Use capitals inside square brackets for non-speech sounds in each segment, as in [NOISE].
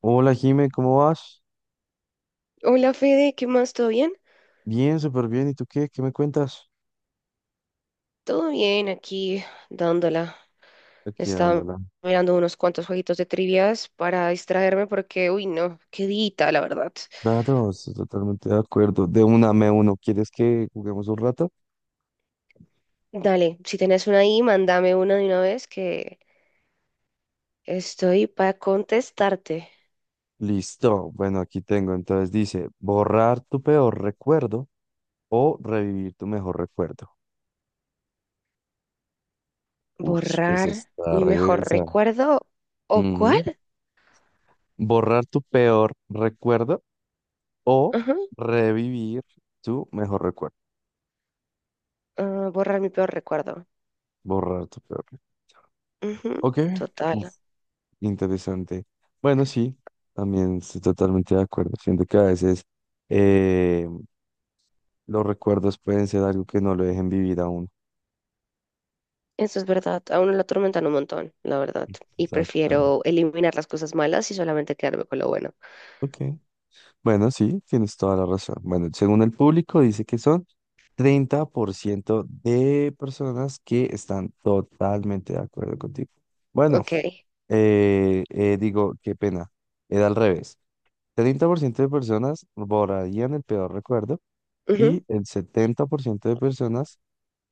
Hola Jime, ¿cómo vas? Hola Fede, ¿qué más? ¿Todo bien? Bien, súper bien. ¿Y tú qué? ¿Qué me cuentas? Todo bien, aquí dándola. Aquí Estaba dándola. mirando unos cuantos jueguitos de trivias para distraerme porque, uy, no, qué dita, la verdad. Claro, estoy totalmente de acuerdo. De una me uno. ¿Quieres que juguemos un rato? Dale, si tenés una ahí, mándame una de una vez que estoy para contestarte. Listo. Bueno, aquí tengo. Entonces dice, borrar tu peor recuerdo o revivir tu mejor recuerdo. Uf, eso ¿Borrar está mi re mejor densa. recuerdo? ¿O cuál? Ujú. Borrar tu peor recuerdo o Ajá, revivir tu mejor recuerdo. ah, borrar mi peor recuerdo. Borrar tu peor recuerdo. Ujú, Ok. total. Interesante. Bueno, sí, también estoy totalmente de acuerdo. Siento que a veces eh, los recuerdos pueden ser algo que no lo dejen vivir aún. Eso es verdad, a uno lo atormentan un montón, la verdad. Y Exactamente. prefiero eliminar las cosas malas y solamente quedarme con lo bueno. Ok. Bueno, sí, tienes toda la razón. Bueno, según el público, dice que son 30% de personas que están totalmente de acuerdo contigo. Bueno, Ok. Digo, qué pena. Era al revés. 30% de personas borrarían el peor recuerdo Ujú, y el 70% de personas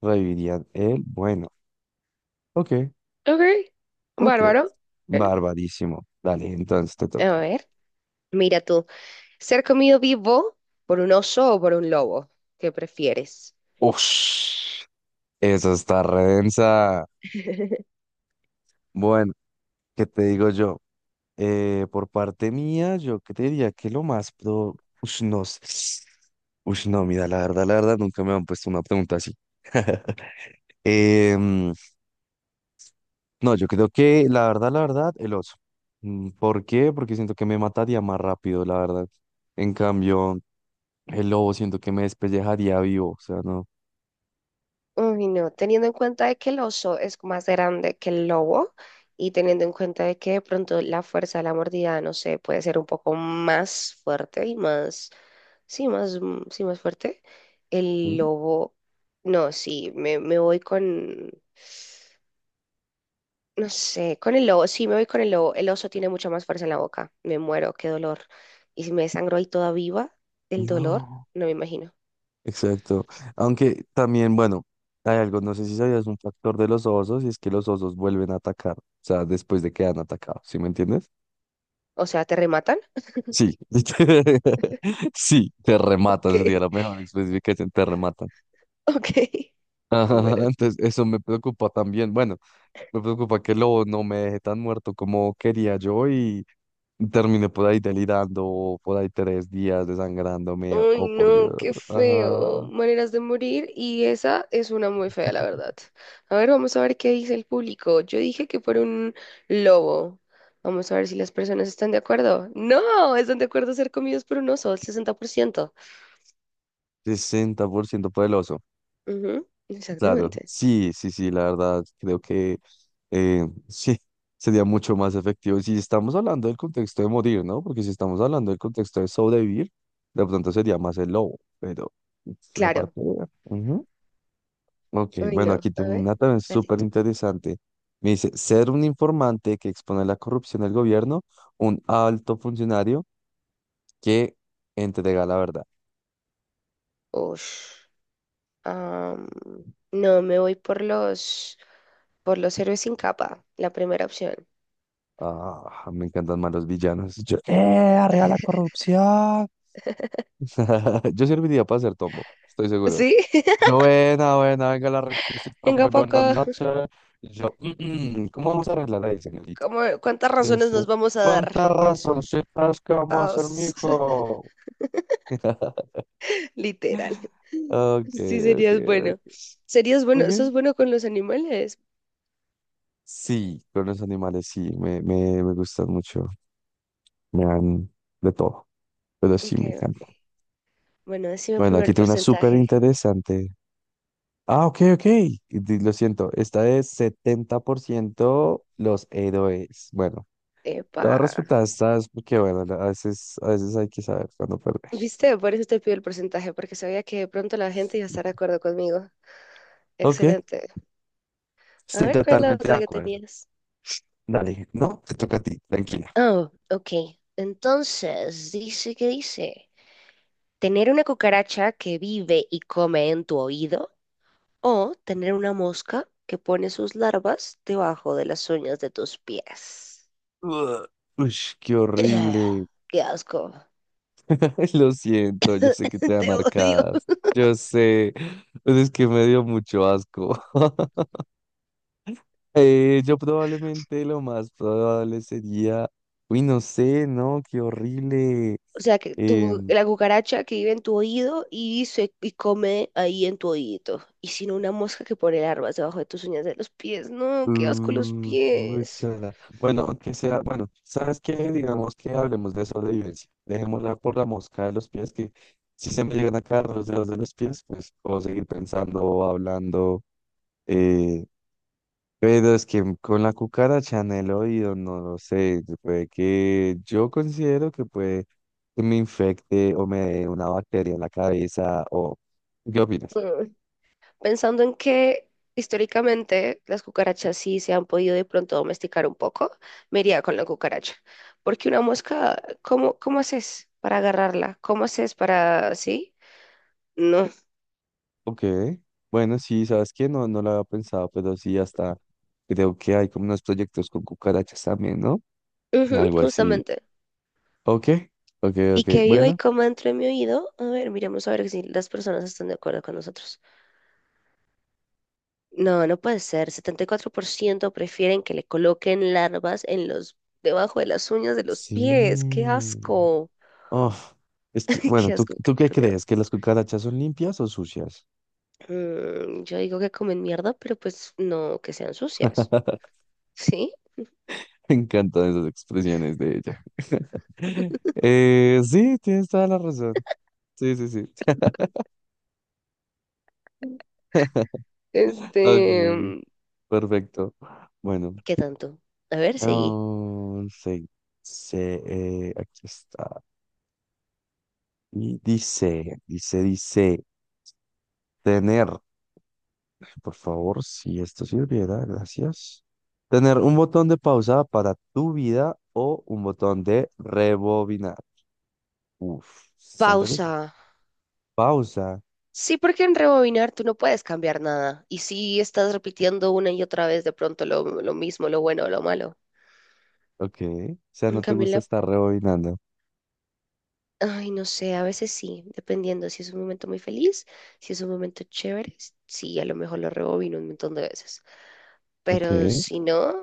revivirían el bueno. Ok, ok. ok. Bárbaro. Eh, Barbarísimo. Dale, entonces te A toca. ver. Mira tú. ¿Ser comido vivo por un oso o por un lobo? ¿Qué prefieres? Ush, eso está redensa. Bueno, ¿qué te digo yo? Por parte mía, yo que te diría que lo más pro. Ush, no sé. Ush, no, mira, la verdad, nunca me han puesto una pregunta así. [LAUGHS] Em, no, yo creo que la verdad, el oso. ¿Por qué? Porque siento que me mataría más rápido, la verdad. En cambio. El lobo siento que me despellejaría vivo, o sea, no. Uy, no. Teniendo en cuenta de que el oso es más grande que el lobo y teniendo en cuenta de que de pronto la fuerza de la mordida, no sé, puede ser un poco más fuerte y más, sí, más, sí, más fuerte. El Mm, lobo, no, sí, me voy con... No sé, con el lobo, sí me voy con el lobo. El oso tiene mucha más fuerza en la boca. Me muero, qué dolor. Y si me desangro ahí toda viva, el dolor, no. no me imagino. Exacto. Aunque también, bueno, hay algo, no sé si sabías un factor de los osos y es que los osos vuelven a atacar, o sea, después de que han atacado, ¿sí me entiendes? O sea, ¿te rematan? Sí. [LAUGHS] Sí, te rematan, sería ¿Qué? la [LAUGHS] mejor especificación, te rematan. Ok, [LAUGHS] Ajá, muero. entonces eso me preocupa también. Bueno, me preocupa que el lobo no me deje tan muerto como quería yo y terminé por ahí delirando, por ahí 3 días desangrándome, Ay, oh por Dios. no, qué feo. Ah, Maneras de morir y esa es una muy fea, la verdad. A ver, vamos a ver qué dice el público. Yo dije que fuera un lobo. Vamos a ver si las personas están de acuerdo. No, están de acuerdo a ser comidos por un oso, el 60%. 60% poderoso. Ujú, Claro, exactamente. sí, sí, sí, la verdad, creo que [LAUGHS] sí, sería mucho más efectivo. Si estamos hablando del contexto de morir, ¿no? Porque si estamos hablando del contexto de sobrevivir, de pronto sería más el lobo, pero uf, la parte... Claro. Ok, Uy, bueno, aquí no. A tengo ver, una también dale súper tú. interesante. Me dice, ser un informante que expone la corrupción del gobierno, un alto funcionario que entrega la verdad. Ush. Am, no, me voy por los héroes sin capa, la primera opción. Ah, me encantan más los villanos. [LAUGHS] Yo, ¡eh, arriba la corrupción! [LAUGHS] Yo serviría para ser Tombo, estoy seguro. ¿Sí? [LAUGHS] Yo, buena, buena, venga la requisita, muy Venga para buenas acá. noches. Yo, "Mm, mm, ¿cómo vamos a arreglar ahí, señorita? ¿Cuántas razones Dice, nos vamos a con dar? tal razón, soy como a ser mi Todos. [LAUGHS] hijo. [LAUGHS] Literal. Ok, Sí, ok, serías bueno. ok. Serías bueno. Ok. ¿Sos bueno con los animales? Sí, con los animales sí, me gustan mucho. Me dan de todo, pero sí Ok, me ok. encantan. Bueno, decime Bueno, primero aquí el tengo una súper porcentaje. interesante. Ah, ok, ok. Lo siento, esta es 70% los héroes. Bueno, Epa. te voy a respetar estas porque, bueno, la- a veces hay que saber cuándo perder. ¿Viste? Por eso te pido el porcentaje, porque sabía que de pronto la gente iba a estar de acuerdo conmigo. Ok, Excelente. A estoy ver, ¿cuál es la totalmente de otra que acuerdo. tenías? Dale, no, te toca a ti, tranquila. Oh, ok. Entonces, dice que dice, tener una cucaracha que vive y come en tu oído o tener una mosca que pone sus larvas debajo de las uñas de tus pies. Ugh, ush, [CLEARS THROAT] qué horrible. [SIGHS] Qué asco. [LAUGHS] Lo siento, yo sé que te [LAUGHS] Te dan odio. arcadas. Yo sé, pues es que me dio mucho asco. [LAUGHS] Yo probablemente lo más probable sería, uy, no sé, no, qué horrible. O sea, que tu, Em, la cucaracha que vive en tu oído y, y come ahí en tu oído. Y si no, una mosca que pone larvas debajo de tus uñas de los pies. No, qué asco los pies. úchala. Bueno, que sea, bueno, ¿sabes qué? Digamos que hablemos de sobrevivencia. Dejémosla por la mosca de los pies, que si se me llegan a caer los dedos de los pies, pues puedo seguir pensando, hablando. eh, Pero es que con la cucaracha en el oído, no lo sé, puede que yo considero que puede que me infecte o me dé una bacteria en la cabeza o... ¿Qué opinas? Mm. Pensando en que históricamente las cucarachas sí se han podido de pronto domesticar un poco, me iría con la cucaracha. Porque una mosca, ¿cómo haces para agarrarla? ¿Cómo haces para sí? No. Ok, bueno, sí, ¿sabes qué? No, no lo había pensado, pero sí, hasta creo que hay como unos proyectos con cucarachas también, ¿no? Ujú, Algo así. justamente. Ok, ok, Y ok, que viva y bueno, coma dentro de mi oído. A ver, miremos a ver si las personas están de acuerdo con nosotros. No, no puede ser. 74% prefieren que le coloquen larvas en debajo de las uñas de los pies. ¡Qué sí. asco! Oh, es que, [LAUGHS] bueno, ¡Qué ¿tú, asco! ¡Qué tú qué puta mierda! crees? ¿Que las cucarachas son limpias o sucias? Yo digo que comen mierda, pero pues no que sean sucias, [LAUGHS] ¿sí? [LAUGHS] Me encantan esas expresiones de ella. [LAUGHS] Sí, tienes toda la razón. Sí, sí, sí. [LAUGHS] Este, Ok, perfecto. Bueno, ¿qué tanto? A ver, seguí. oh, sí, sí, aquí está. Y dice, tener, por favor, si esto sirviera, gracias. Tener un botón de pausa para tu vida o un botón de rebobinar. Uf, está interesante. Pausa. Pausa. Sí, porque en rebobinar tú no puedes cambiar nada. Y si estás repitiendo una y otra vez de pronto lo mismo, lo bueno o lo malo. Ok, o sea, En no te cambio, gusta estar rebobinando. Ay, no sé, a veces sí, dependiendo si es un momento muy feliz, si es un momento chévere, sí, a lo mejor lo rebobino un montón de veces. Ok. Pero si no,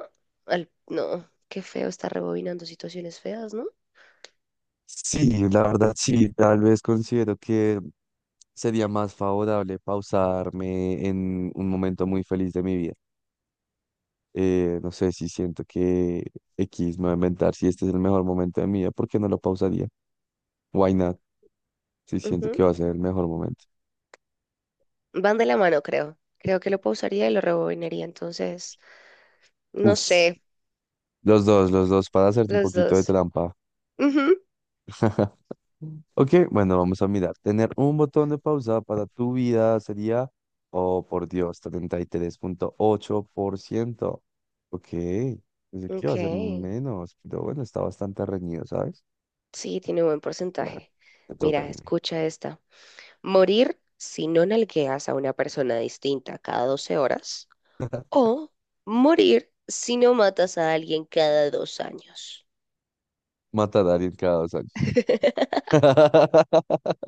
no, qué feo estar rebobinando situaciones feas, ¿no? Sí, la verdad sí, tal vez considero que sería más favorable pausarme en un momento muy feliz de mi vida. No sé si siento que X me va a inventar, si este es el mejor momento de mi vida, ¿por qué no lo pausaría? Why not? Si siento que Ujú. va a ser el mejor momento. Van de la mano, creo. Creo que lo pausaría y lo rebobinaría. Entonces, no Uf, sé, los dos, para hacer un los poquito de dos. trampa. Ujú. [LAUGHS] Ok, bueno, vamos a mirar. Tener un botón de pausa para tu vida sería, oh por Dios, 33,8%. Ok, pensé que iba Ok. a ser menos, pero bueno, está bastante reñido, ¿sabes? Sí, tiene un buen Bueno, porcentaje. me toca a Mira, mí. escucha esta. Morir si no nalgueas a una persona distinta cada 12 horas o morir si no matas a alguien cada 2 años. Matar a alguien cada 2 años. [LAUGHS] [LAUGHS]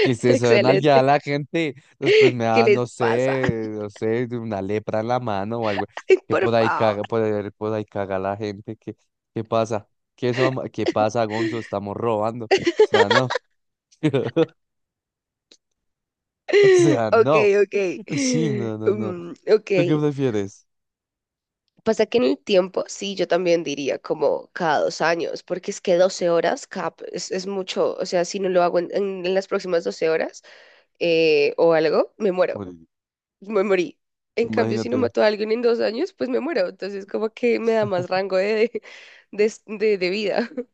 Que se suenan ya Excelente. la gente, después me ¿Qué da, no les pasa? sé, no sé, de una lepra en la mano o algo, [LAUGHS] que Por favor. Por ahí caga la gente, ¿qué pasa? ¿Qué pasa, Gonzo? Estamos robando. O sea, no. [LAUGHS] O sea, Ok, no. ok. Sí, no, no, no. Mm, ok. ¿Tú qué prefieres? Pasa que en el tiempo, sí, yo también diría como cada 2 años, porque es que 12 horas, cap, es mucho. O sea, si no lo hago en las próximas 12 horas, o algo, me muero. Morir. Me morí. En cambio, si no Imagínate. mato a alguien en 2 años, pues me muero. Entonces, como que me da más rango de vida. [LAUGHS]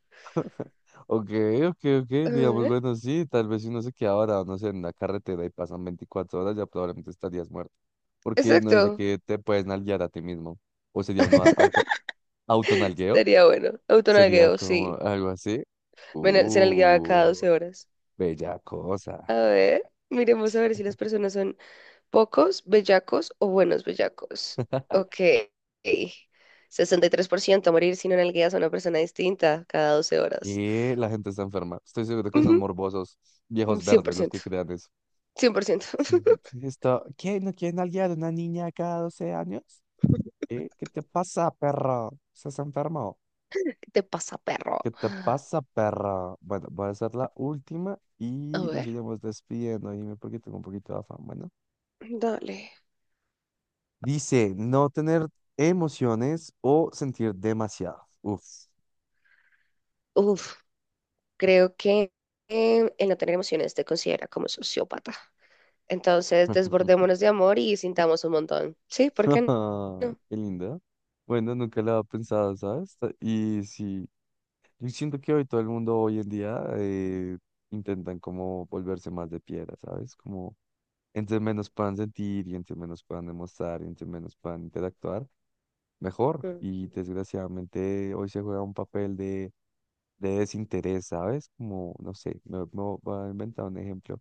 Ok, ok, ok, A digamos, ver. bueno, sí, tal vez si uno se queda varado, no sé, en la carretera y pasan 24 horas, ya probablemente estarías muerto. Porque no dice Exacto. que te puedes nalguear a ti mismo. O sería un auto, autonalgueo, Estaría bueno. sería Autonagueo, como sí. algo así. Se nalgueaba cada Uh, 12 horas. bella cosa. A ver, miremos a ver si las personas son pocos, bellacos o buenos bellacos. [LAUGHS] Ok. 63% morir si no nalgueas a una persona distinta cada 12 horas. Y la gente está enferma. Estoy seguro que son morbosos, Ujú, viejos cien por verdes los ciento que crean eso. 100%. Sí, sí, esto, ¿qué? ¿No quieren nalguear a una niña cada 12 años? [LAUGHS] ¿Eh? ¿Qué te pasa, perro? ¿Estás enfermo? ¿Qué te pasa, perro? ¿Qué te pasa, perra? Bueno, voy a hacer la última A y nos ver. iremos despidiendo. Dime porque tengo un poquito de afán. Bueno, Dale. dice no tener emociones o sentir demasiado. Uf. Uf, creo que el no tener emociones te considera como sociópata. Entonces, [LAUGHS] desbordémonos de amor y sintamos un montón. Sí, ¿por qué no? Qué lindo. Bueno, nunca lo había pensado, ¿sabes? Y sí, yo siento que hoy todo el mundo hoy en día intentan como volverse más de piedra, ¿sabes? Como entre menos puedan sentir y entre menos puedan demostrar y entre menos puedan interactuar mejor. Mm, Y desgraciadamente hoy se juega un papel de, desinterés, ¿sabes? Como, no sé, me voy a inventar un ejemplo.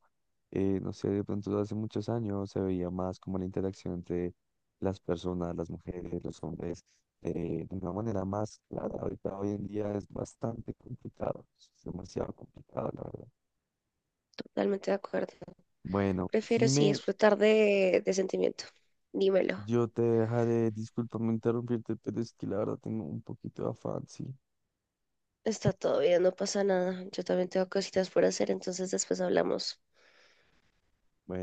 No sé, de pronto hace muchos años se veía más como la interacción entre las personas, las mujeres, los hombres, de una manera más clara. Ahorita, hoy en día es bastante complicado, es demasiado complicado, la verdad. totalmente de acuerdo. Bueno, Prefiero sí Jime, explotar de sentimiento. Dímelo. yo te dejaré, discúlpame interrumpirte, pero es que la verdad tengo un poquito de afán, sí. Está todo bien, no pasa nada. Yo también tengo cositas por hacer, entonces después hablamos. Bueno.